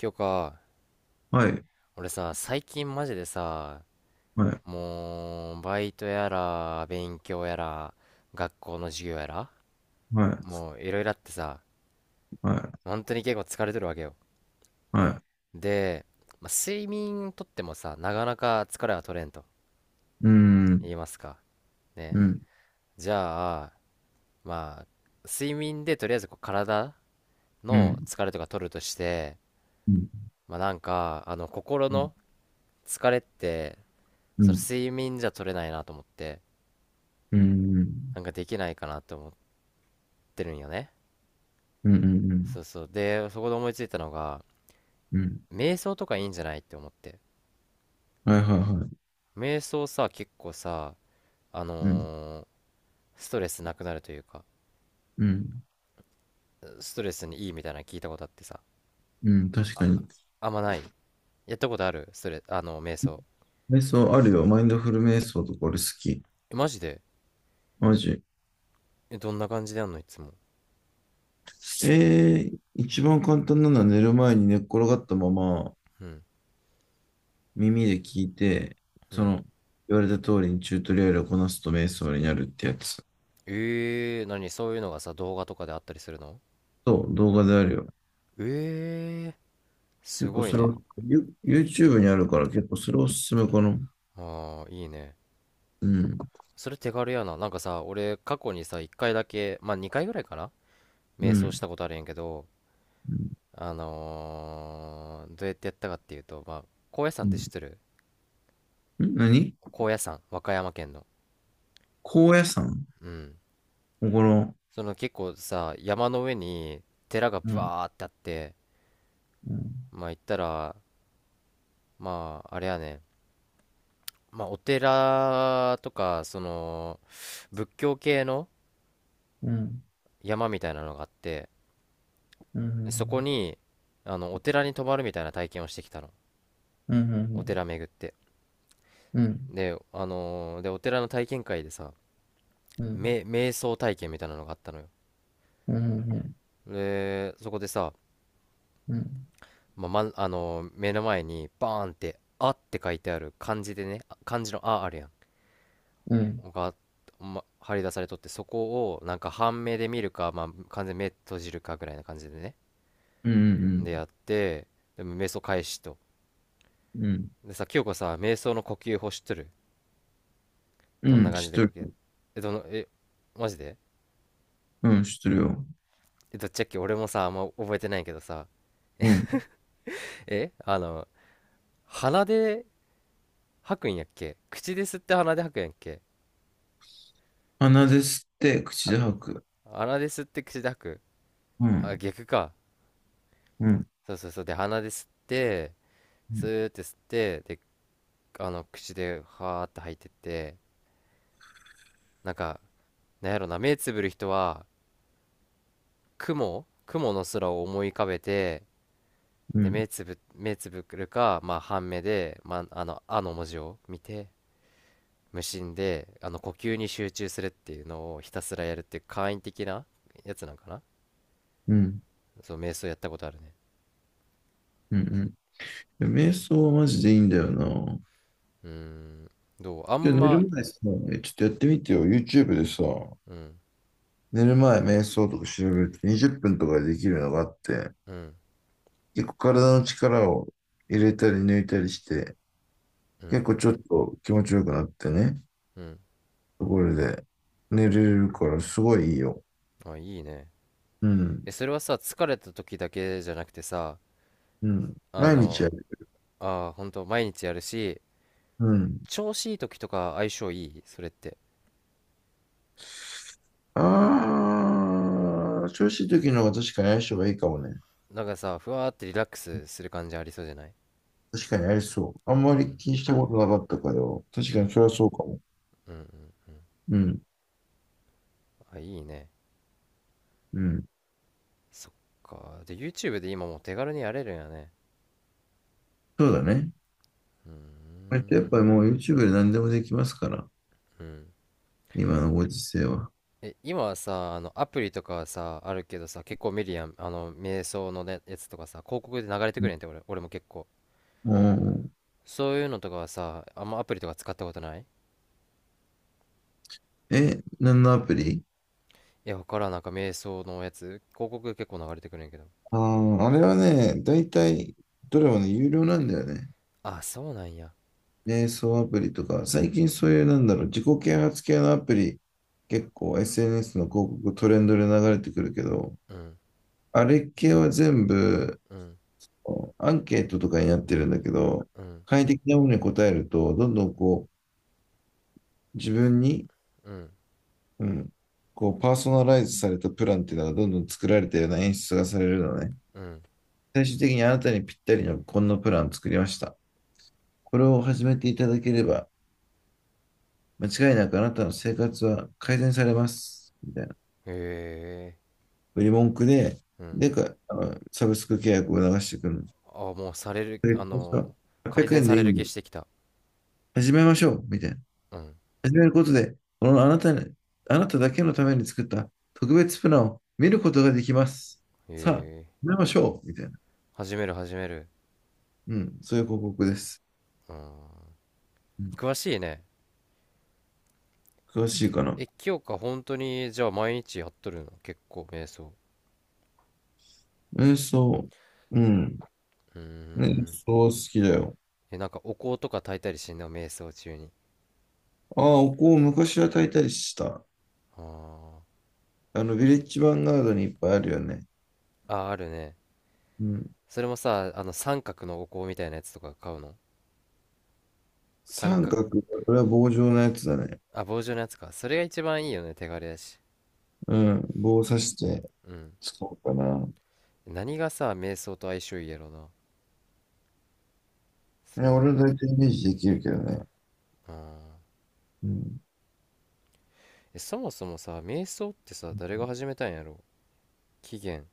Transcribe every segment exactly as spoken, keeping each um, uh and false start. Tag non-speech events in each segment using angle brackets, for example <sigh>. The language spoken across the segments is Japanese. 今日か。はい、俺さ、最近マジでさ、はい、もう、バイトやら、勉強やら、学校の授業やら、はい、もう、いろいろあってさ、は本当に結構疲れてるわけよ。い、はい。で、まあ、睡眠とってもさ、なかなか疲れは取れんとうん、言いますか。うね。ん、じゃあ、まあ、睡眠でとりあえずこう体うのん、疲れとか取るとして、うん、まあなんか、あの、心うん、の疲れって、うそのん、睡眠じゃ取れないなと思って、うん、なんかできないかなと思っってるんよね。うん、うん、うそん、うそう。で、そこで思いついたのが、うん。瞑想とかいいんじゃないって思って。はい、はい、はい。瞑想さ、結構さ、あうん、のーストレスなくなるというか、うん、ストレスにいいみたいなの聞いたことあってさ。うん、確あ、かに。あんまない。やったことあるストレ、あの、瞑想。瞑想あるよ。マインドフル瞑想とか俺好き。え、マジで？マジ。え、どんな感じでやんのいつも？えー、一番簡単なのは寝る前に寝っ転がったままうん、耳で聞いて、うそん。の言われた通りにチュートリアルをこなすと瞑想になるってやつ。えー、何？そういうのがさ、動画とかであったりするの？そう、動画であるよ。えー、す結構ごいそれね。は、ユ YouTube にあるから結構それおすすめかな。あー、いいね。うん。それ手軽やな。なんかさ、俺、過去にさ、いっかいだけ、まあにかいぐらいかな、瞑う想ん。したことあるんやけど、うんあのーどうやってやったかっていうと、まあ高野山うってん。知ってる？ん何高野山、和歌山県の、高野山うん、ここの、その結構さ山の上に寺がうん。バーってあって、うん。まあ行ったら、まああれやね、まあお寺とかその仏教系のうん。山みたいなのがあって、うそこん。に、あのお寺に泊まるみたいな体験をしてきたの。うん。うおん。寺巡って、うん。で、あのーでお寺の体験会でさ、うん。め瞑想体験みたいなのがあったのよ。うん。うん。でそこでさ、うん。まあまんあの目の前にバーンって「あ」って書いてある、漢字でね、あ漢字の「あ」あるやうん。んが、ま、張り出されとって、そこをなんか半目で見るか、まあ、完全に目閉じるかぐらいな感じでね、でやって、でも瞑想開始と。うん。でさ、清子さ瞑想の呼吸法知っとる？うどんなん。感知じっでて呼る。吸？え、どの、え、マジで？うん。知ってるよ。えどっちやっけ、俺もさあんま覚えてないけどさ、うん。え、あの鼻で吐くんやっけ、口で吸って鼻で吐くんやっけ？鼻で吸って口は、で吐く。鼻で吸って口で吐く。うあ、ん。逆か。うん。そうそうそう、で鼻で吸って、うスん。ーって吸って、で、あの口ではーって吐いてって、なんか、なんやろな、目つぶる人は雲雲の空を思い浮かべて、うでん。目つぶ目つぶるか、まあ半目で、まあ、あの「あ」の文字を見て、無心であの呼吸に集中するっていうのをひたすらやるっていう簡易的なやつなんかな。うん。そう、瞑想やったことあるね。うん。瞑想はマジでいいんだよな。うーん、どう？あ今ん日寝ま、る前さ、えちょっとやってみてよ。YouTube でさ、うん、寝る前瞑想とか調べるとにじゅっぷんとかでできるのがあって、うん、結構体の力を入れたり抜いたりして、う結ん、構ちょっと気持ちよくなってね、うん。ところで寝れるからすごいいいよ。あ、いいね。うん、え、それはさ、疲れた時だけじゃなくてさ、うん。あ毎日の、やる。あー、ほんと、毎日やるし、うん。調子いい時とか相性いいそれって？あー、調子いい時の方が確かに相性がいいかもね。なんかさ、ふわーってリラックスする感じありそうじゃない？確かにありそう。あんまうりん、気にしたことなかったからよ。確うかにん、それはそうかも。うん、うん。うん、あ、いいね。うん。そっか。で、YouTube で今もう手軽にやれるんやね。そうだね。うーこれってやっぱん、りもう YouTube で何でもできますから、うん。今のご時世は。え、今はさ、あの、アプリとかはさ、あるけどさ、結構見るやん。あの、瞑想のね、やつとかさ、広告で流れてくるやんって、俺、俺も結構。もそういうのとかはさ、あんまアプリとか使ったことない？うえ、何のアプリ。いや、わからん、なんか瞑想のやつ、広告結構流れてくるんやけど。ああ、あれはね、だいたいどれもね、有料なんだよね。あ、そうなんや。瞑想アプリとか、最近そういうなんだろう、自己啓発系のアプリ、結構 エスエヌエス の広告トレンドで流れてくるけど、うん、あれ系は全部うん、アンケートとかになってるんだけど、うん、快適なものに答えると、どんどんこう、自分にうん、うん。こう、パーソナライズされたプランっていうのがどんどん作られたような演出がされるのね。うん。最終的にあなたにぴったりのこんなプランを作りました。これを始めていただければ、間違いなくあなたの生活は改善されます。みたいな。へえ、売り文句で、うん。でか、あのサブスク契約を流してくるの。あ、もうされる、であこうしたの、800改善円さでいれいるん気だ。してきた。始めましょう。みたいな。うん。始めることで、このあなたに、あなただけのために作った特別プランを見ることができます。へさあ、え、始めましょう。みたいな。始める、始める。うん、そういう広告です。うん。うん、詳しいね。詳しいかな。え、清香本当にじゃあ毎日やっとるの？結構瞑想。瞑想。うん。うーね瞑ん。想好きだよ。え、なんかお香とか焚いたりしてんの？瞑想中に。ああ、お香を昔は焚いたりした。ああの、ヴィレッジヴァンガードにいっぱいあるよね。ー、あー、あるね。うん。それもさ、あの三角のお香みたいなやつとか買うの？三三角、角、これは棒状のやつだね。あ、棒状のやつか。それが一番いいよね、手軽やし。うん。棒を刺してうん。使おうかな。何がさ、瞑想と相性いいやろな、いそうや、いう俺はの。大体イメージできるけどね。あー、うん。え、そもそもさ、瞑想ってさ、誰が始めたんやろ？起源。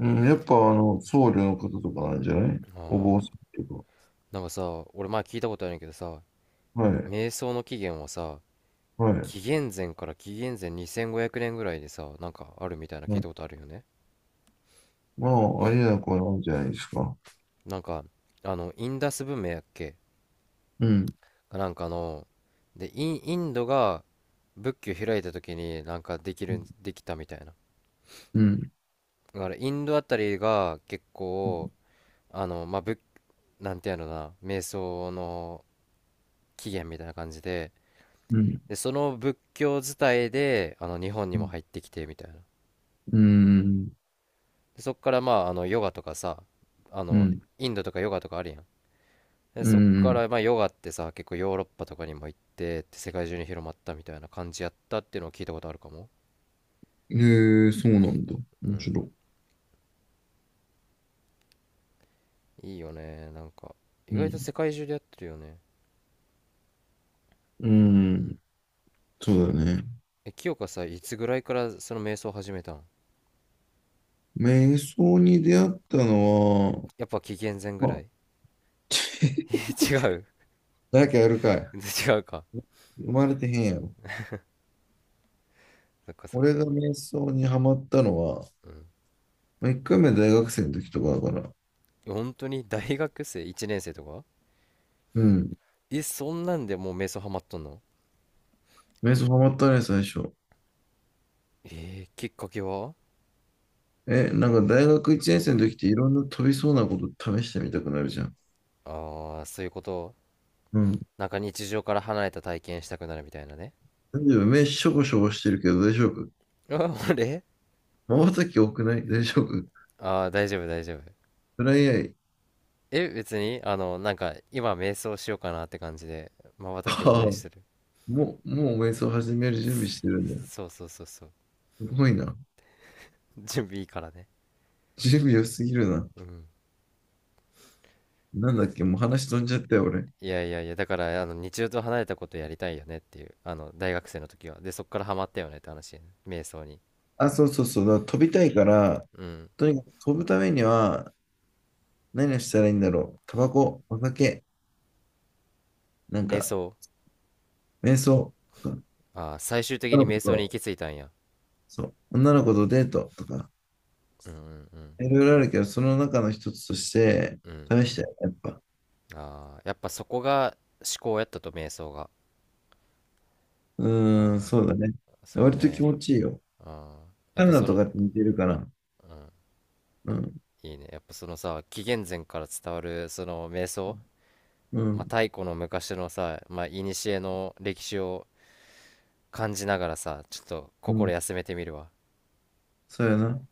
うん、やっぱ、あの、僧侶の方とかなんじゃない、あお坊さあ。んとなんかさ、俺前聞いたことあるんやけどさ、か。はい。瞑想の起源はさ、はい。紀元前から紀元前にせんごひゃくねんぐらいでさ、なんかあるみたいな聞はいい。たことあるよね。まあ、ありなくなんじゃないですか。なんかあのインダス文明やっけ、うん。なんかの、でイン、インドが仏教開いた時になんかできるんできたみたいな、うん。だからインドあたりが結構、あのまあ仏、なんていうのかな、瞑想の起源みたいな感じで、うん。でその仏教伝いであの日本にも入ってきてみたいな、うん。でそっからまああのヨガとかさ、あうのん。インドとかヨガとかあるやん。でうそっかん。らまあヨガってさ結構ヨーロッパとかにも行ってって世界中に広まったみたいな感じやったっていうのを聞いたことあるかも。えー、そうなんだ。う面ん、白い。いいよねなんか、意う外とん。世界中でやってるよね。うん。そうだよね。え、清香さいつぐらいからその瞑想を始めたん？瞑想に出会ったのは、やっぱ紀元前ぐまらあ、い？ <laughs> <laughs> え、違う？ 誰かやるかい。<laughs> 違うか。生まれてへんやろ。そっか、そっか。俺が瞑想にハマったのは、うん。まあ、いっかいめ大学生の時とかだから。本当に大学生いちねん生とか？うん。えそんなんでもう瞑想ハマっとんの？瞑想ハマったね、最初。えー、きっかけは？え、なんか大学いちねん生の時っていろんな飛びそうなこと試してみたくなるじゃん。ああ、ーそういうこと。うん。なんか日常から離れた体験したくなるみたいなね。大丈夫、目しょぼしょぼしてるけど大丈夫。あ俺、瞬き多くない大丈夫、ああ、大丈夫、大丈夫。トライアイ。え、別に、あの、なんか、今、瞑想しようかなって感じで、瞬きを多めああ、にしてる。もう、もう瞑想始める準備してるんだ。そうそうそうそう。すごいな。準備いいからね。準備良すぎるな。うん。なんだっけ、もう話飛んじゃったよ、俺。いやいやいや、だから、あの、日常と離れたことやりたいよねっていう、あの、大学生の時は。で、そっからハマったよねって話、ね瞑想に。あ、そうそうそう。だから飛びたいから、うん。とにかく飛ぶためには、何をしたらいいんだろう。タバコ、お酒、なん瞑か、想。瞑想とか、ああ、最終的女にの子瞑想に行と、き着いたんや。そう、女の子とデートとか、うん、うん、うん。いろいろあるけど、その中の一つとして、うん。試したよ、やっぱ。ああ、やっぱそこが思考やったと、瞑想が。ううーん、ん。そうだね。そう割と気ね。持ちいいよ。うん。やっカナぱダそとの、かって似てるかな。うん。うん。いいね。やっぱそのさ、紀元前から伝わるその瞑想、うまあ、ん。太古の昔のさ、まあ、古の歴史を感じながらさ、ちょっとう心ん。休めてみるわ。そうやな。